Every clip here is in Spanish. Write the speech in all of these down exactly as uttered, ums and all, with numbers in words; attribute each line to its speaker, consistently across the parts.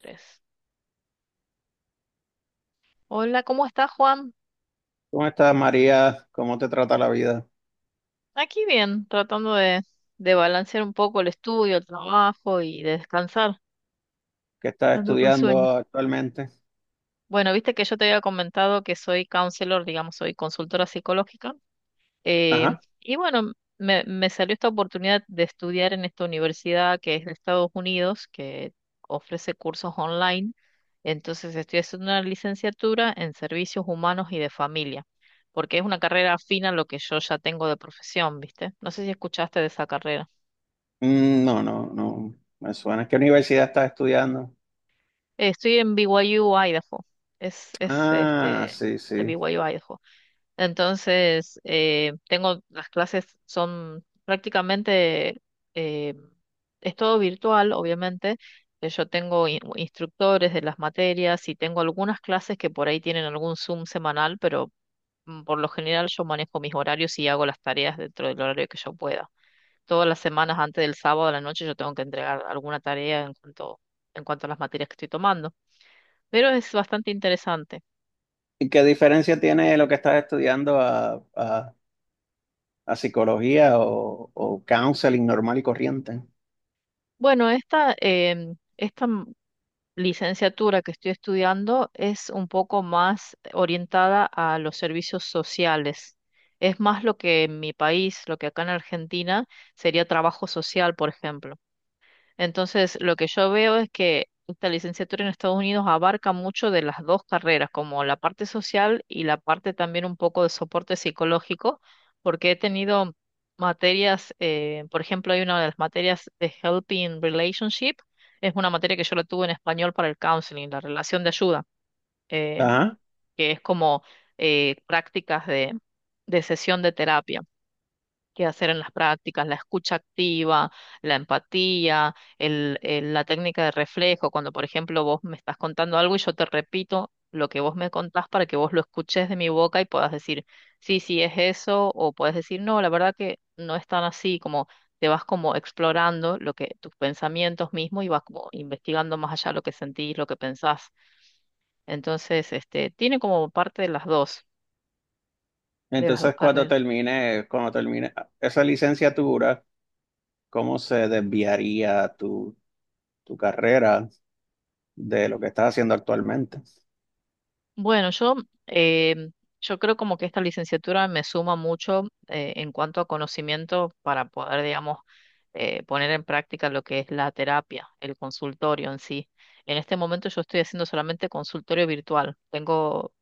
Speaker 1: Tres. Hola, ¿cómo estás, Juan?
Speaker 2: ¿Cómo estás, María? ¿Cómo te trata la vida?
Speaker 1: Aquí bien, tratando de, de balancear un poco el estudio, el trabajo y de descansar.
Speaker 2: ¿Qué estás
Speaker 1: Ando con
Speaker 2: estudiando
Speaker 1: sueño.
Speaker 2: actualmente?
Speaker 1: Bueno, viste que yo te había comentado que soy counselor, digamos, soy consultora psicológica. Eh,
Speaker 2: Ajá.
Speaker 1: y bueno, me, me salió esta oportunidad de estudiar en esta universidad que es de Estados Unidos, que ofrece cursos online. Entonces estoy haciendo una licenciatura en servicios humanos y de familia, porque es una carrera afina a lo que yo ya tengo de profesión, ¿viste? No sé si escuchaste de esa carrera.
Speaker 2: Mm, No, no, no. Me suena. ¿Qué universidad estás estudiando?
Speaker 1: Eh, estoy en B Y U, Idaho. Es, es
Speaker 2: Ah,
Speaker 1: este,
Speaker 2: sí,
Speaker 1: el
Speaker 2: sí.
Speaker 1: B Y U, Idaho. Entonces, eh, tengo, las clases son prácticamente, eh, es todo virtual, obviamente. Eh, Yo tengo in- instructores de las materias y tengo algunas clases que por ahí tienen algún Zoom semanal, pero mm, por lo general yo manejo mis horarios y hago las tareas dentro del horario que yo pueda. Todas las semanas antes del sábado a la noche yo tengo que entregar alguna tarea en cuanto, en cuanto a las materias que estoy tomando. Pero es bastante interesante.
Speaker 2: ¿Y qué diferencia tiene lo que estás estudiando a, a- a psicología o, o counseling normal y corriente?
Speaker 1: Bueno, esta, em, esta licenciatura que estoy estudiando es un poco más orientada a los servicios sociales. Es más lo que en mi país, lo que acá en Argentina sería trabajo social, por ejemplo. Entonces, lo que yo veo es que esta licenciatura en Estados Unidos abarca mucho de las dos carreras, como la parte social y la parte también un poco de soporte psicológico, porque he tenido materias, eh, por ejemplo, hay una de las materias de Helping Relationship, es una materia que yo la tuve en español para el counseling, la relación de ayuda, eh,
Speaker 2: Ajá.
Speaker 1: que es como eh, prácticas de de sesión de terapia que hacer en las prácticas, la escucha activa, la empatía, el- el- la técnica de reflejo, cuando por ejemplo vos me estás contando algo y yo te repito lo que vos me contás para que vos lo escuches de mi boca y puedas decir, sí, sí, es eso, o puedes decir, no, la verdad que no es tan así, como te vas como explorando lo que tus pensamientos mismos y vas como investigando más allá lo que sentís, lo que pensás. Entonces, este, tiene como parte de las dos, de las dos,
Speaker 2: Entonces, cuando
Speaker 1: carreras.
Speaker 2: termine, cuando termine esa licenciatura, ¿cómo se desviaría tu, tu carrera de lo que estás haciendo actualmente?
Speaker 1: Bueno, yo, eh, yo creo como que esta licenciatura me suma mucho eh, en cuanto a conocimiento para poder, digamos, eh, poner en práctica lo que es la terapia, el consultorio en sí. En este momento yo estoy haciendo solamente consultorio virtual. Tengo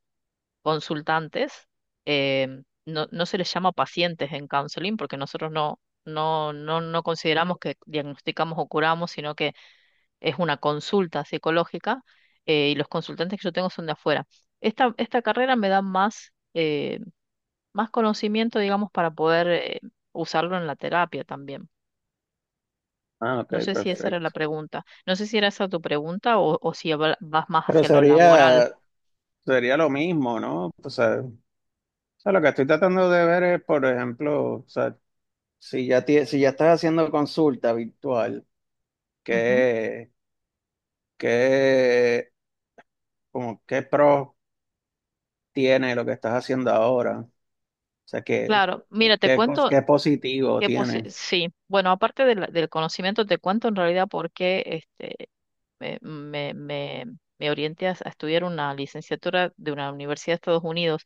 Speaker 1: consultantes, eh, no, no se les llama pacientes en counseling porque nosotros no, no, no, no consideramos que diagnosticamos o curamos, sino que es una consulta psicológica eh, y los consultantes que yo tengo son de afuera. Esta, esta carrera me da más, eh, más conocimiento, digamos, para poder eh, usarlo en la terapia también.
Speaker 2: Ah, ok,
Speaker 1: No sé si esa era la
Speaker 2: perfecto.
Speaker 1: pregunta. No sé si era esa tu pregunta o, o si habla- vas más
Speaker 2: Pero
Speaker 1: hacia lo laboral.
Speaker 2: sería, Sería lo mismo, ¿no? O sea, o sea, lo que estoy tratando de ver es, por ejemplo, o sea, si ya, tie- si ya estás haciendo consulta virtual,
Speaker 1: Ujú.
Speaker 2: ¿qué, qué, como, ¿qué pros tiene lo que estás haciendo ahora? O sea, ¿qué,
Speaker 1: Claro, mira, te
Speaker 2: qué, cos-
Speaker 1: cuento
Speaker 2: ¿qué positivo
Speaker 1: que posi-
Speaker 2: tiene?
Speaker 1: sí, bueno, aparte de la- del conocimiento, te cuento en realidad por qué este, eh, me, me, me orienté a, a estudiar una licenciatura de una universidad de Estados Unidos.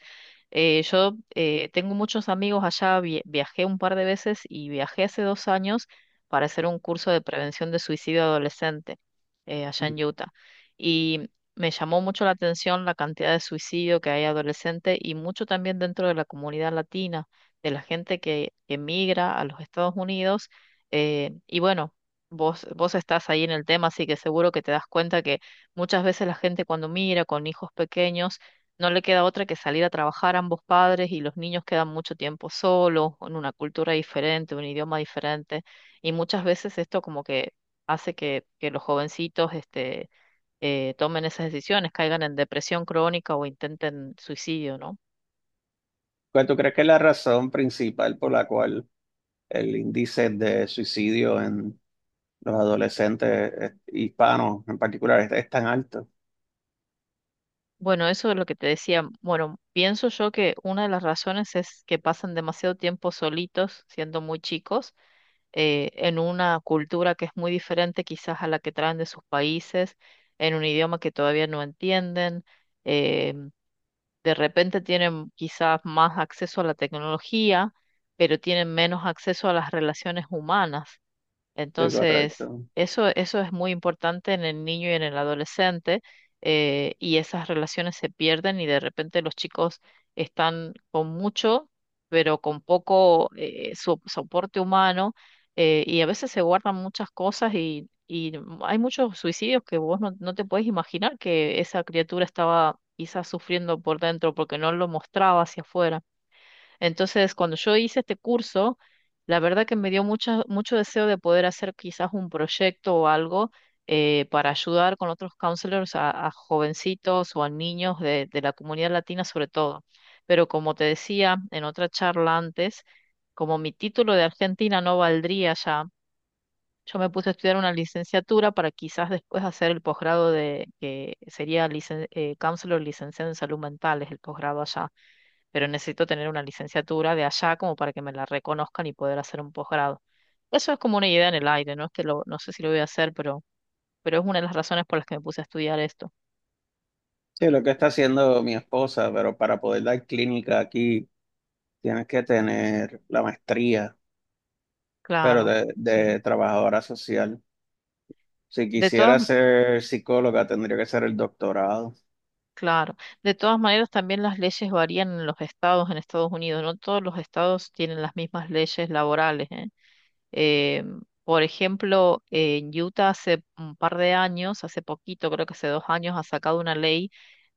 Speaker 1: Eh, yo eh, tengo muchos amigos allá, vi- viajé un par de veces y viajé hace dos años para hacer un curso de prevención de suicidio adolescente eh, allá en Utah. Y me llamó mucho la atención la cantidad de suicidio que hay adolescente y mucho también dentro de la comunidad latina, de la gente que emigra a los Estados Unidos. Eh, y bueno, Vos, vos estás ahí en el tema, así que seguro que te das cuenta que muchas veces la gente cuando mira con hijos pequeños no le queda otra que salir a trabajar ambos padres y los niños quedan mucho tiempo solos, en una cultura diferente, un idioma diferente. Y muchas veces esto como que hace que, que los jovencitos este, eh, tomen esas decisiones, caigan en depresión crónica o intenten suicidio, ¿no?
Speaker 2: ¿Cuál tú crees que es la razón principal por la cual el índice de suicidio en los adolescentes eh, hispanos en particular es, es tan alto?
Speaker 1: Bueno, eso es lo que te decía. Bueno, pienso yo que una de las razones es que pasan demasiado tiempo solitos siendo muy chicos eh, en una cultura que es muy diferente quizás a la que traen de sus países, en un idioma que todavía no entienden. eh, de repente tienen quizás más acceso a la tecnología, pero tienen menos acceso a las relaciones humanas.
Speaker 2: Sí,
Speaker 1: Entonces,
Speaker 2: correcto.
Speaker 1: eso, eso es muy importante en el niño y en el adolescente, eh, y esas relaciones se pierden y de repente los chicos están con mucho, pero con poco eh, so- soporte humano, eh, y a veces se guardan muchas cosas y, y hay muchos suicidios que vos no, no te puedes imaginar que esa criatura estaba quizás sufriendo por dentro porque no lo mostraba hacia afuera. Entonces, cuando yo hice este curso, la verdad que me dio mucho, mucho deseo de poder hacer quizás un proyecto o algo eh, para ayudar con otros counselors a, a jovencitos o a niños de, de la comunidad latina sobre todo. Pero como te decía en otra charla antes, como mi título de Argentina no valdría ya, yo me puse a estudiar una licenciatura para quizás después hacer el posgrado de que sería licen- eh, counselor licenciado en salud mental, es el posgrado allá, pero necesito tener una licenciatura de allá como para que me la reconozcan y poder hacer un posgrado. Eso es como una idea en el aire, no es que lo, no sé si lo voy a hacer, pero, pero es una de las razones por las que me puse a estudiar esto.
Speaker 2: Sí, lo que está haciendo mi esposa, pero para poder dar clínica aquí tienes que tener la maestría, pero
Speaker 1: Claro,
Speaker 2: de,
Speaker 1: sí.
Speaker 2: de trabajadora social. Si
Speaker 1: De todas,
Speaker 2: quisiera ser psicóloga, tendría que ser el doctorado.
Speaker 1: claro. De todas maneras, también las leyes varían en los estados en Estados Unidos. No todos los estados tienen las mismas leyes laborales, ¿eh? Eh, por ejemplo, en Utah hace un par de años, hace poquito, creo que hace dos años, ha sacado una ley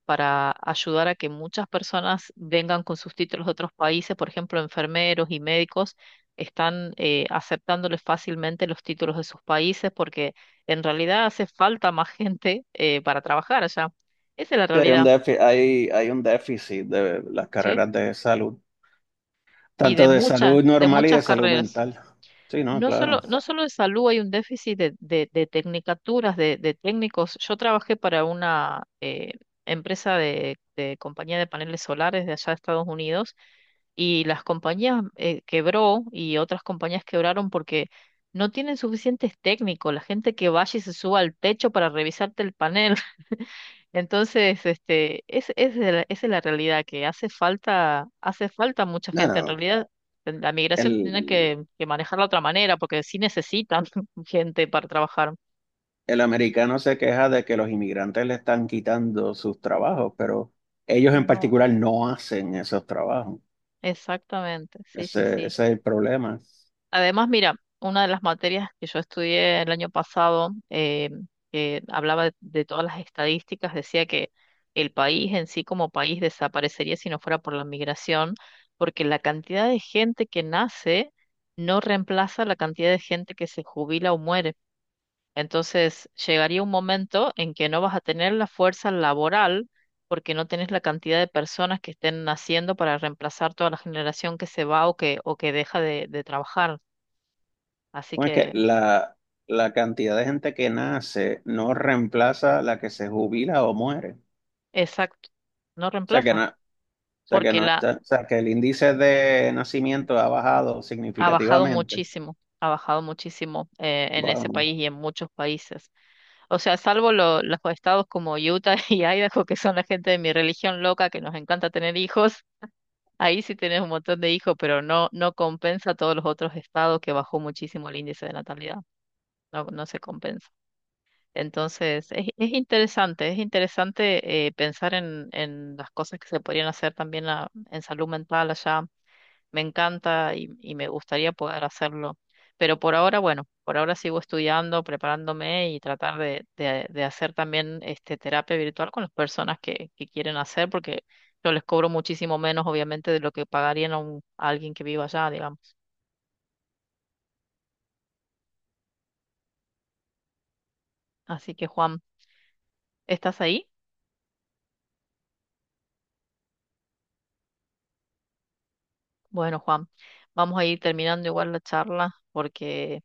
Speaker 1: para ayudar a que muchas personas vengan con sus títulos de otros países, por ejemplo, enfermeros y médicos están eh, aceptándoles fácilmente los títulos de sus países porque en realidad hace falta más gente eh, para trabajar allá. Esa es la
Speaker 2: Sí, hay un
Speaker 1: realidad,
Speaker 2: déficit, hay, hay un déficit de las carreras
Speaker 1: ¿sí?
Speaker 2: de salud,
Speaker 1: Y de
Speaker 2: tanto de
Speaker 1: muchas,
Speaker 2: salud
Speaker 1: de
Speaker 2: normal y de
Speaker 1: muchas
Speaker 2: salud
Speaker 1: carreras.
Speaker 2: mental. Sí, no,
Speaker 1: No solo,
Speaker 2: claro.
Speaker 1: no solo de salud, hay un déficit de, de, de tecnicaturas, de, de técnicos. Yo trabajé para una eh, empresa de, de compañía de paneles solares de allá de Estados Unidos y las compañías eh, quebró y otras compañías quebraron porque no tienen suficientes técnicos, la gente que vaya y se suba al techo para revisarte el panel. Entonces, este, es, es la- esa es la realidad, que hace falta, hace falta mucha
Speaker 2: No,
Speaker 1: gente. En
Speaker 2: no,
Speaker 1: realidad, la migración tiene
Speaker 2: el,
Speaker 1: que, que manejarla de otra manera, porque sí necesitan gente para trabajar.
Speaker 2: el americano se queja de que los inmigrantes le están quitando sus trabajos, pero ellos en particular
Speaker 1: No,
Speaker 2: no hacen esos trabajos.
Speaker 1: exactamente, sí,
Speaker 2: Ese,
Speaker 1: sí,
Speaker 2: ese
Speaker 1: sí.
Speaker 2: es el problema.
Speaker 1: Además, mira, una de las materias que yo estudié el año pasado, eh, que hablaba de, de todas las estadísticas, decía que el país en sí como país desaparecería si no fuera por la migración, porque la cantidad de gente que nace no reemplaza la cantidad de gente que se jubila o muere. Entonces, llegaría un momento en que no vas a tener la fuerza laboral porque no tenés la cantidad de personas que estén naciendo para reemplazar toda la generación que se va o que, o que deja de de trabajar. Así
Speaker 2: Bueno, es que
Speaker 1: que,
Speaker 2: la, la cantidad de gente que nace no reemplaza la que se jubila o muere. O
Speaker 1: exacto, no
Speaker 2: sea que
Speaker 1: reemplaza,
Speaker 2: no, o sea que
Speaker 1: porque
Speaker 2: no está,
Speaker 1: la
Speaker 2: o sea que el índice de nacimiento ha bajado
Speaker 1: ha bajado
Speaker 2: significativamente.
Speaker 1: muchísimo, ha bajado muchísimo eh, en ese
Speaker 2: Wow.
Speaker 1: país y en muchos países. O sea, salvo lo- los estados como Utah y Idaho, que son la gente de mi religión loca, que nos encanta tener hijos, ahí sí tenés un montón de hijos, pero no, no compensa a todos los otros estados que bajó muchísimo el índice de natalidad, no, no se compensa. Entonces, es, es interesante, es interesante eh, pensar en, en las cosas que se podrían hacer también a- en salud mental allá. Me encanta y, y me gustaría poder hacerlo. Pero por ahora, bueno, por ahora sigo estudiando, preparándome y tratar de, de- de hacer también este, terapia virtual con las personas que, que quieren hacer, porque yo les cobro muchísimo menos, obviamente, de lo que pagarían a, un- a alguien que viva allá, digamos. Así que, Juan, ¿estás ahí? Bueno, Juan, vamos a ir terminando igual la charla porque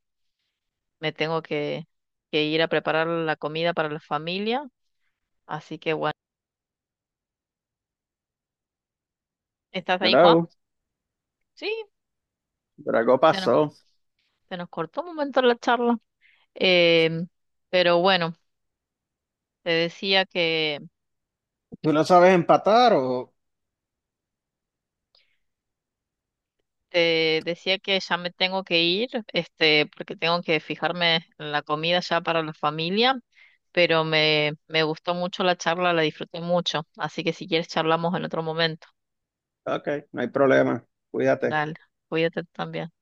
Speaker 1: me tengo que, que ir a preparar la comida para la familia. Así que, ¿estás ahí, Juan?
Speaker 2: Hello,
Speaker 1: Sí,
Speaker 2: pero algo
Speaker 1: se nos
Speaker 2: pasó.
Speaker 1: Se nos cortó un momento la charla. Em, pero bueno, te decía que
Speaker 2: ¿Tú no sabes empatar o?
Speaker 1: te decía que ya me tengo que ir, este, porque tengo que fijarme en la comida ya para la familia, pero me, me gustó mucho la charla, la disfruté mucho. Así que si quieres charlamos en otro momento.
Speaker 2: Ok, no hay problema. Cuídate.
Speaker 1: Dale, cuídate también.